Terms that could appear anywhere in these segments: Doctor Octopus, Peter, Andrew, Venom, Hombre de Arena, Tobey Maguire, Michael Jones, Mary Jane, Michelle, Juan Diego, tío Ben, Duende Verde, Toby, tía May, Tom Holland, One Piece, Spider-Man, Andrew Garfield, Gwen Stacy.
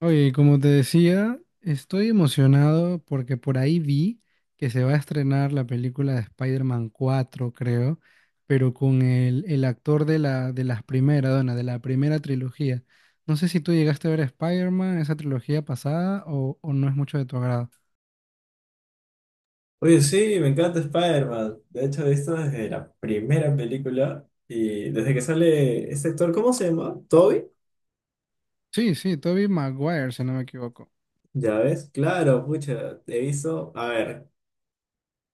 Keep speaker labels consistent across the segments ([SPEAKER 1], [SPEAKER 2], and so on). [SPEAKER 1] Oye, como te decía, estoy emocionado porque por ahí vi que se va a estrenar la película de Spider-Man 4, creo, pero con el actor de la, de las primeras, dona, de la primera trilogía. No sé si tú llegaste a ver Spider-Man, esa trilogía pasada, o no es mucho de tu agrado.
[SPEAKER 2] Oye, sí, me encanta Spider-Man. De hecho, he visto desde la primera película y desde que sale este actor, ¿cómo se llama? ¿Toby?
[SPEAKER 1] Sí, sí, Tobey Maguire, si no me equivoco.
[SPEAKER 2] Ya ves, claro, pucha, he visto, a ver,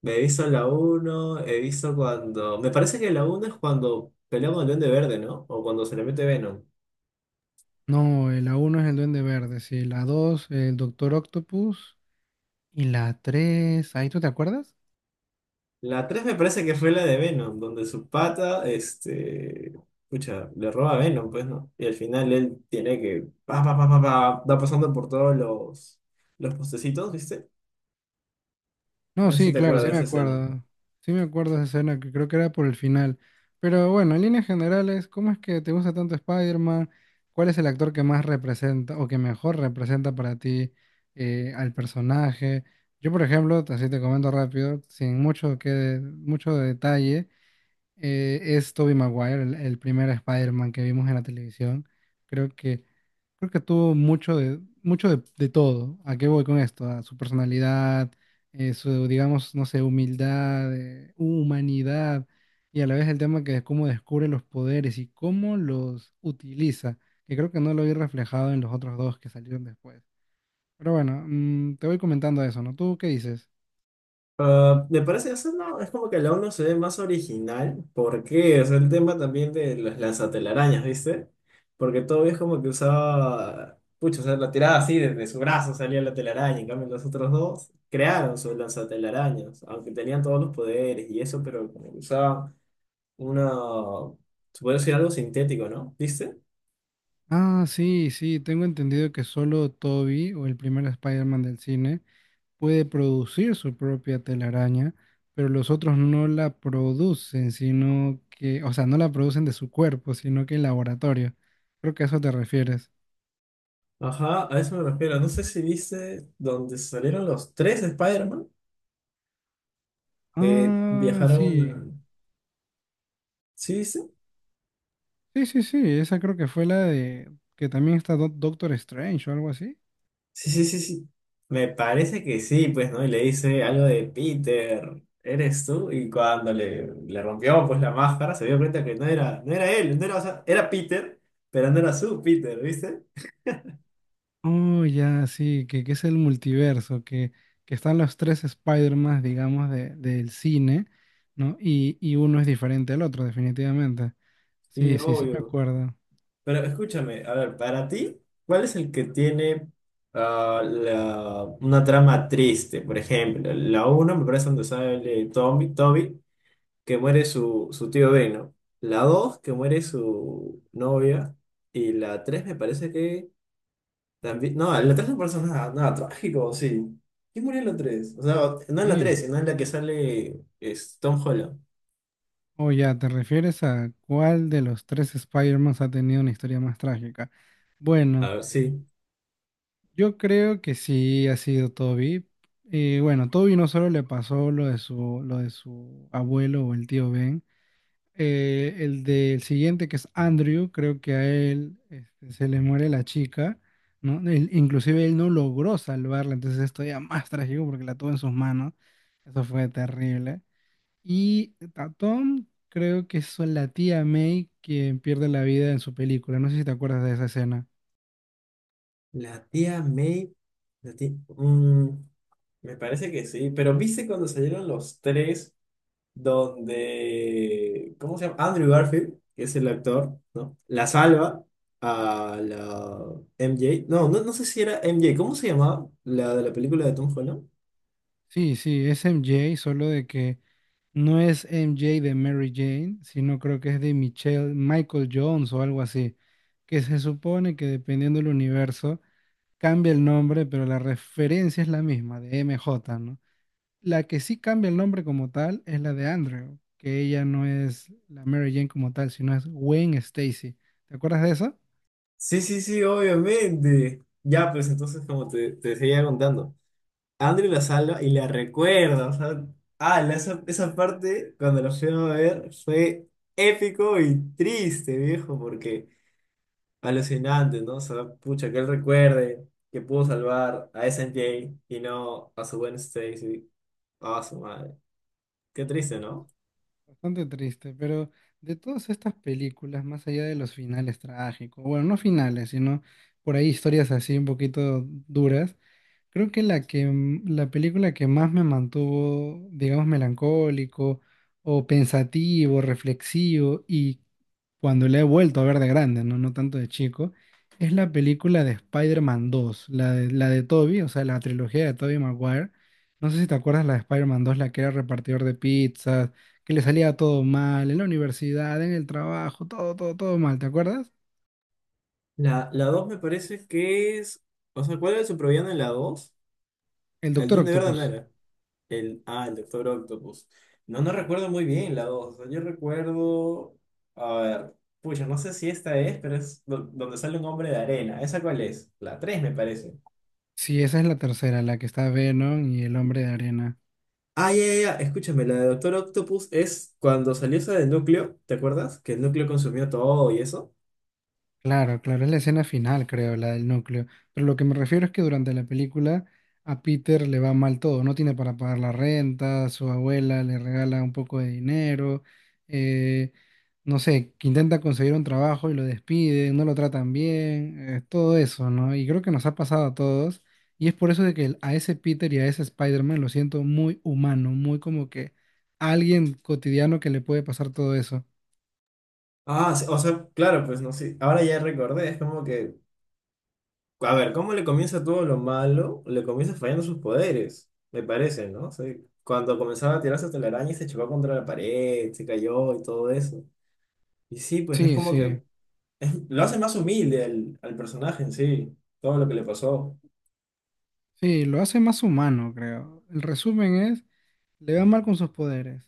[SPEAKER 2] me he visto la uno me parece que la uno es cuando pelea con el Duende Verde, ¿no? O cuando se le mete Venom.
[SPEAKER 1] No, la uno es el Duende Verde, sí, la 2 el Doctor Octopus, y la 3, ¿ahí tú te acuerdas?
[SPEAKER 2] La 3 me parece que fue la de Venom, donde su pata, pucha, le roba a Venom, pues, ¿no? Y al final él tiene que, pa, pa, pa, pa, pa, va pasando por todos los postecitos, ¿viste? No
[SPEAKER 1] No,
[SPEAKER 2] sé si
[SPEAKER 1] sí,
[SPEAKER 2] te
[SPEAKER 1] claro,
[SPEAKER 2] acuerdas
[SPEAKER 1] sí
[SPEAKER 2] de
[SPEAKER 1] me
[SPEAKER 2] esa escena.
[SPEAKER 1] acuerdo. Sí me acuerdo de esa escena que creo que era por el final. Pero bueno, en líneas generales, ¿cómo es que te gusta tanto Spider-Man? ¿Cuál es el actor que más representa o que mejor representa para ti al personaje? Yo, por ejemplo, así te comento rápido, sin mucho que mucho detalle, es Tobey Maguire, el primer Spider-Man que vimos en la televisión. Creo que, creo que tuvo mucho de todo. ¿A qué voy con esto? A su personalidad, su, digamos, no sé, humildad, humanidad, y a la vez el tema que es cómo descubre los poderes y cómo los utiliza, que creo que no lo vi reflejado en los otros dos que salieron después. Pero bueno, te voy comentando eso, ¿no? ¿Tú qué dices?
[SPEAKER 2] Ah, me parece eso no, es como que la uno se ve más original. ¿Por qué? O sea, el tema también de las lanzatelarañas, ¿viste? Porque todavía es como que usaba. Pucha, o sea, la tiraba así, desde su brazo salía la telaraña. En cambio, los otros dos crearon sus lanzatelarañas, aunque tenían todos los poderes y eso, pero como que usaban una. Se puede decir algo sintético, ¿no? ¿Viste?
[SPEAKER 1] Ah, sí, sí, tengo entendido que solo Toby o el primer Spider-Man del cine puede producir su propia telaraña, pero los otros no la producen, sino que, o sea, no la producen de su cuerpo, sino que en laboratorio. Creo que a eso te refieres.
[SPEAKER 2] Ajá, a eso me refiero. No sé si viste donde salieron los tres Spider-Man que
[SPEAKER 1] Ah, sí.
[SPEAKER 2] viajaron. Sí, sí,
[SPEAKER 1] Sí, sí, sí, esa creo que fue la de que también está Doctor Strange o algo así.
[SPEAKER 2] sí, sí, sí, sí. Me parece que sí, pues, ¿no? Y le dice algo de Peter, ¿eres tú? Y cuando le rompió, pues, la máscara, se dio cuenta que no era, no era él, no era, o sea, era Peter, pero no era su Peter, ¿viste?
[SPEAKER 1] Oh, ya, sí, que es el multiverso, que están los tres Spider-Man, digamos, de, del cine, ¿no? Y uno es diferente al otro, definitivamente.
[SPEAKER 2] Y
[SPEAKER 1] Sí, sí, sí, me
[SPEAKER 2] obvio.
[SPEAKER 1] acuerdo.
[SPEAKER 2] Pero escúchame, a ver, para ti, ¿cuál es el que tiene una trama triste? Por ejemplo, la uno me parece donde sale Tommy, Toby, que muere su tío Ben, ¿no? La 2 que muere su novia. Y la 3 me parece que también. No, en la 3 no pasa nada, nada trágico, sí. ¿Quién murió en la 3? O sea, no en la
[SPEAKER 1] Sí.
[SPEAKER 2] 3 sino en la que sale es Tom Holland.
[SPEAKER 1] Oh, ya, ¿te refieres a cuál de los tres Spider-Man ha tenido una historia más trágica? Bueno,
[SPEAKER 2] A ver, sí.
[SPEAKER 1] yo creo que sí ha sido Toby. Y bueno, Toby no solo le pasó lo de su abuelo o el tío Ben. El del siguiente, que es Andrew, creo que a él se le muere la chica, ¿no? Inclusive él no logró salvarla, entonces esto ya más trágico porque la tuvo en sus manos. Eso fue terrible. Y a Tom, creo que es la tía May quien pierde la vida en su película. No sé si te acuerdas de esa escena.
[SPEAKER 2] La tía May. La tía- mm, me parece que sí, pero ¿viste cuando salieron los tres? Donde, ¿cómo se llama? Andrew Garfield, que es el actor, ¿no? La salva a la MJ. No, no, no sé si era MJ, ¿cómo se llamaba? La de la película de Tom Holland.
[SPEAKER 1] Sí, sí, es MJ, solo de que no es MJ de Mary Jane, sino creo que es de Michelle, Michael Jones o algo así, que se supone que dependiendo del universo cambia el nombre, pero la referencia es la misma, de MJ, ¿no? La que sí cambia el nombre como tal es la de Andrew, que ella no es la Mary Jane como tal, sino es Gwen Stacy. ¿Te acuerdas de eso?
[SPEAKER 2] Sí, sí, sí, obviamente. Ya, pues entonces, como te seguía contando, Andrew la salva y la recuerda. O sea, esa parte, cuando la fui a ver, fue épico y triste, viejo, porque alucinante, ¿no? O sea, pucha, que él recuerde que pudo salvar a S. N J. y no a su buen Stacy, a su madre. Qué triste, ¿no?
[SPEAKER 1] Bastante triste, pero de todas estas películas, más allá de los finales trágicos, bueno, no finales, sino por ahí historias así un poquito duras, creo que la película que más me mantuvo, digamos, melancólico o pensativo, reflexivo y cuando la he vuelto a ver de grande, no, no tanto de chico, es la película de Spider-Man 2, la de Tobey, o sea, la trilogía de Tobey Maguire. No sé si te acuerdas la de Spider-Man 2, la que era repartidor de pizzas, que le salía todo mal en la universidad, en el trabajo, todo mal, ¿te acuerdas?
[SPEAKER 2] La dos me parece que es. O sea, ¿cuál era su supervillano en la 2?
[SPEAKER 1] El
[SPEAKER 2] El
[SPEAKER 1] Doctor
[SPEAKER 2] de Verde no
[SPEAKER 1] Octopus.
[SPEAKER 2] era. El Doctor Octopus. No, no recuerdo muy bien la 2. O sea, yo recuerdo. A ver, pucha, no sé si esta es, pero es donde sale un hombre de arena. ¿Esa cuál es? La 3 me parece.
[SPEAKER 1] Sí, esa es la tercera, la que está Venom y el Hombre de Arena.
[SPEAKER 2] Ah, ya, ya, ya, escúchame, la de Doctor Octopus es cuando salió esa del núcleo, ¿te acuerdas? Que el núcleo consumió todo y eso.
[SPEAKER 1] Claro, claro, es la escena final, creo, la del núcleo. Pero lo que me refiero es que durante la película a Peter le va mal todo, no tiene para pagar la renta, su abuela le regala un poco de dinero. eh, no sé, que intenta conseguir un trabajo y lo despiden, no lo tratan bien, todo eso, ¿no? Y creo que nos ha pasado a todos. Y es por eso de que a ese Peter y a ese Spider-Man lo siento muy humano, muy como que alguien cotidiano que le puede pasar todo eso.
[SPEAKER 2] Ah, sí, o sea, claro, pues no sé, ahora ya recordé, es como que, a ver, ¿cómo le comienza todo lo malo? Le comienza fallando sus poderes, me parece, ¿no? O sea, cuando comenzaba a tirarse hasta la araña y se chocó contra la pared, se cayó y todo eso. Y sí, pues no es
[SPEAKER 1] Sí,
[SPEAKER 2] como
[SPEAKER 1] sí.
[SPEAKER 2] que, lo hace más humilde al personaje en sí, todo lo que le pasó.
[SPEAKER 1] Sí, lo hace más humano, creo. El resumen es, le va mal con sus poderes,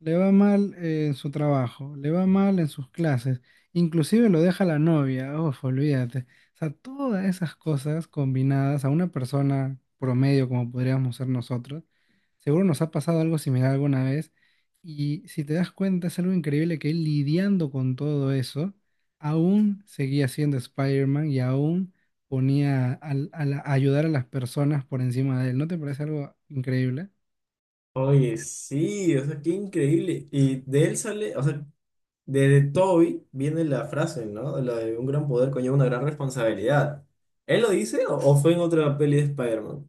[SPEAKER 1] le va mal en su trabajo, le va mal en sus clases, inclusive lo deja la novia, uf, olvídate. O sea, todas esas cosas combinadas a una persona promedio como podríamos ser nosotros, seguro nos ha pasado algo similar alguna vez y si te das cuenta es algo increíble que él lidiando con todo eso, aún seguía siendo Spider-Man y aún ponía a ayudar a las personas por encima de él. ¿No te parece algo increíble?
[SPEAKER 2] Oye, sí, o sea, qué increíble. Y de él sale, o sea, desde Toby viene la frase, ¿no? La de un gran poder conlleva una gran responsabilidad. ¿Él lo dice o fue en otra peli de Spider-Man?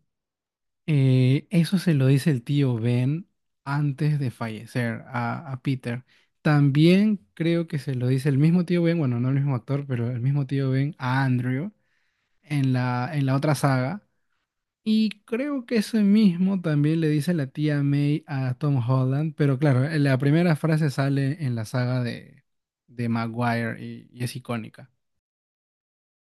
[SPEAKER 1] Eso se lo dice el tío Ben antes de fallecer a Peter. También creo que se lo dice el mismo tío Ben, bueno, no el mismo actor, pero el mismo tío Ben a Andrew en en la otra saga. Y creo que ese mismo también le dice la tía May a Tom Holland, pero claro, la primera frase sale en la saga de Maguire y es icónica.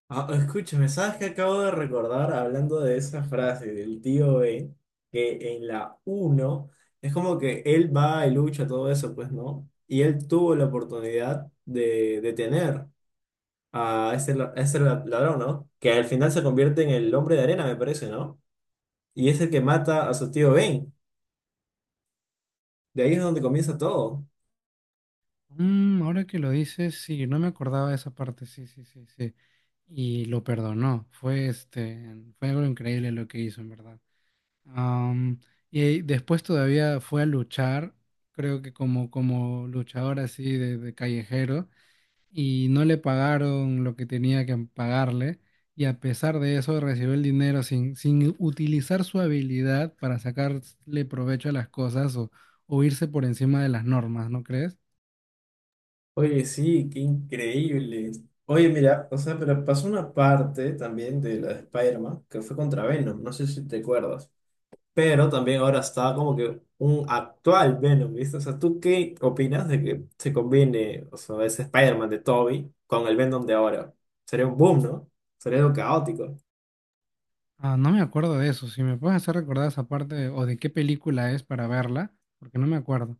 [SPEAKER 2] Ah, escúchame, ¿sabes qué acabo de recordar hablando de esa frase del tío Ben? Que en la uno es como que él va y lucha todo eso, pues, ¿no? Y él tuvo la oportunidad de detener a ese ladrón, ¿no? Que al final se convierte en el hombre de arena, me parece, ¿no? Y es el que mata a su tío Ben. De ahí es donde comienza todo.
[SPEAKER 1] Mm, ahora que lo dices, sí, no me acordaba de esa parte, sí, sí, sí, sí. Y lo perdonó. Fue algo increíble lo que hizo, en verdad. Am, y después todavía fue a luchar, creo que como luchador así de callejero, y no le pagaron lo que tenía que pagarle, y a pesar de eso recibió el dinero sin utilizar su habilidad para sacarle provecho a las cosas o irse por encima de las normas, ¿no crees?
[SPEAKER 2] Oye, sí, qué increíble. Oye, mira, o sea, pero pasó una parte también de la de Spider-Man que fue contra Venom, no sé si te acuerdas, pero también ahora está como que un actual Venom, ¿viste? O sea, ¿tú qué opinas de que se combine, o sea, ese Spider-Man de Toby con el Venom de ahora? Sería un boom, ¿no? Sería algo caótico.
[SPEAKER 1] Ah, no me acuerdo de eso. Si me puedes hacer recordar esa parte o de qué película es para verla, porque no me acuerdo.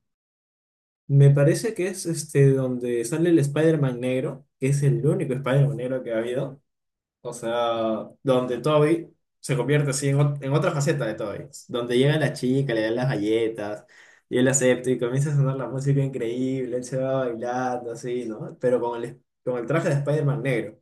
[SPEAKER 2] Me parece que es este donde sale el Spider-Man negro, que es el único Spider-Man negro que ha habido. O sea, donde Toby se convierte así en otra faceta de Toby. Donde llega la chica, le dan las galletas, y él acepta y comienza a sonar la música increíble, él se va bailando así, ¿no? Pero con el traje de Spider-Man negro.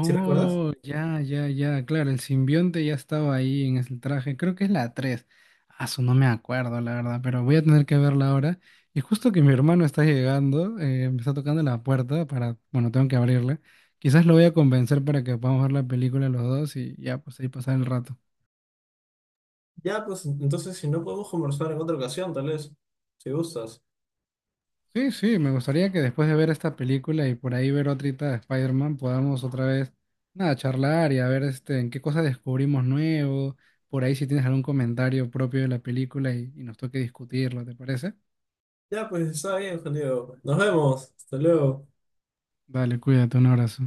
[SPEAKER 2] ¿Sí recuerdas?
[SPEAKER 1] ya, ya, ya. Claro, el simbionte ya estaba ahí en ese traje. Creo que es la 3. Ah, su no me acuerdo, la verdad, pero voy a tener que verla ahora. Y justo que mi hermano está llegando, me está tocando la puerta para, bueno, tengo que abrirla. Quizás lo voy a convencer para que podamos ver la película los dos y ya, pues ahí pasar el rato.
[SPEAKER 2] Ya, pues entonces si no podemos conversar en otra ocasión, tal vez, si gustas.
[SPEAKER 1] Sí, sí, me gustaría que después de ver esta película y por ahí ver otrita de Spider-Man podamos otra vez, nada, charlar y a ver este, en qué cosas descubrimos nuevo, por ahí si tienes algún comentario propio de la película y nos toque discutirlo, ¿te parece?
[SPEAKER 2] Ya, pues está bien, Juan Diego. Nos vemos. Hasta luego.
[SPEAKER 1] Dale, cuídate, un abrazo.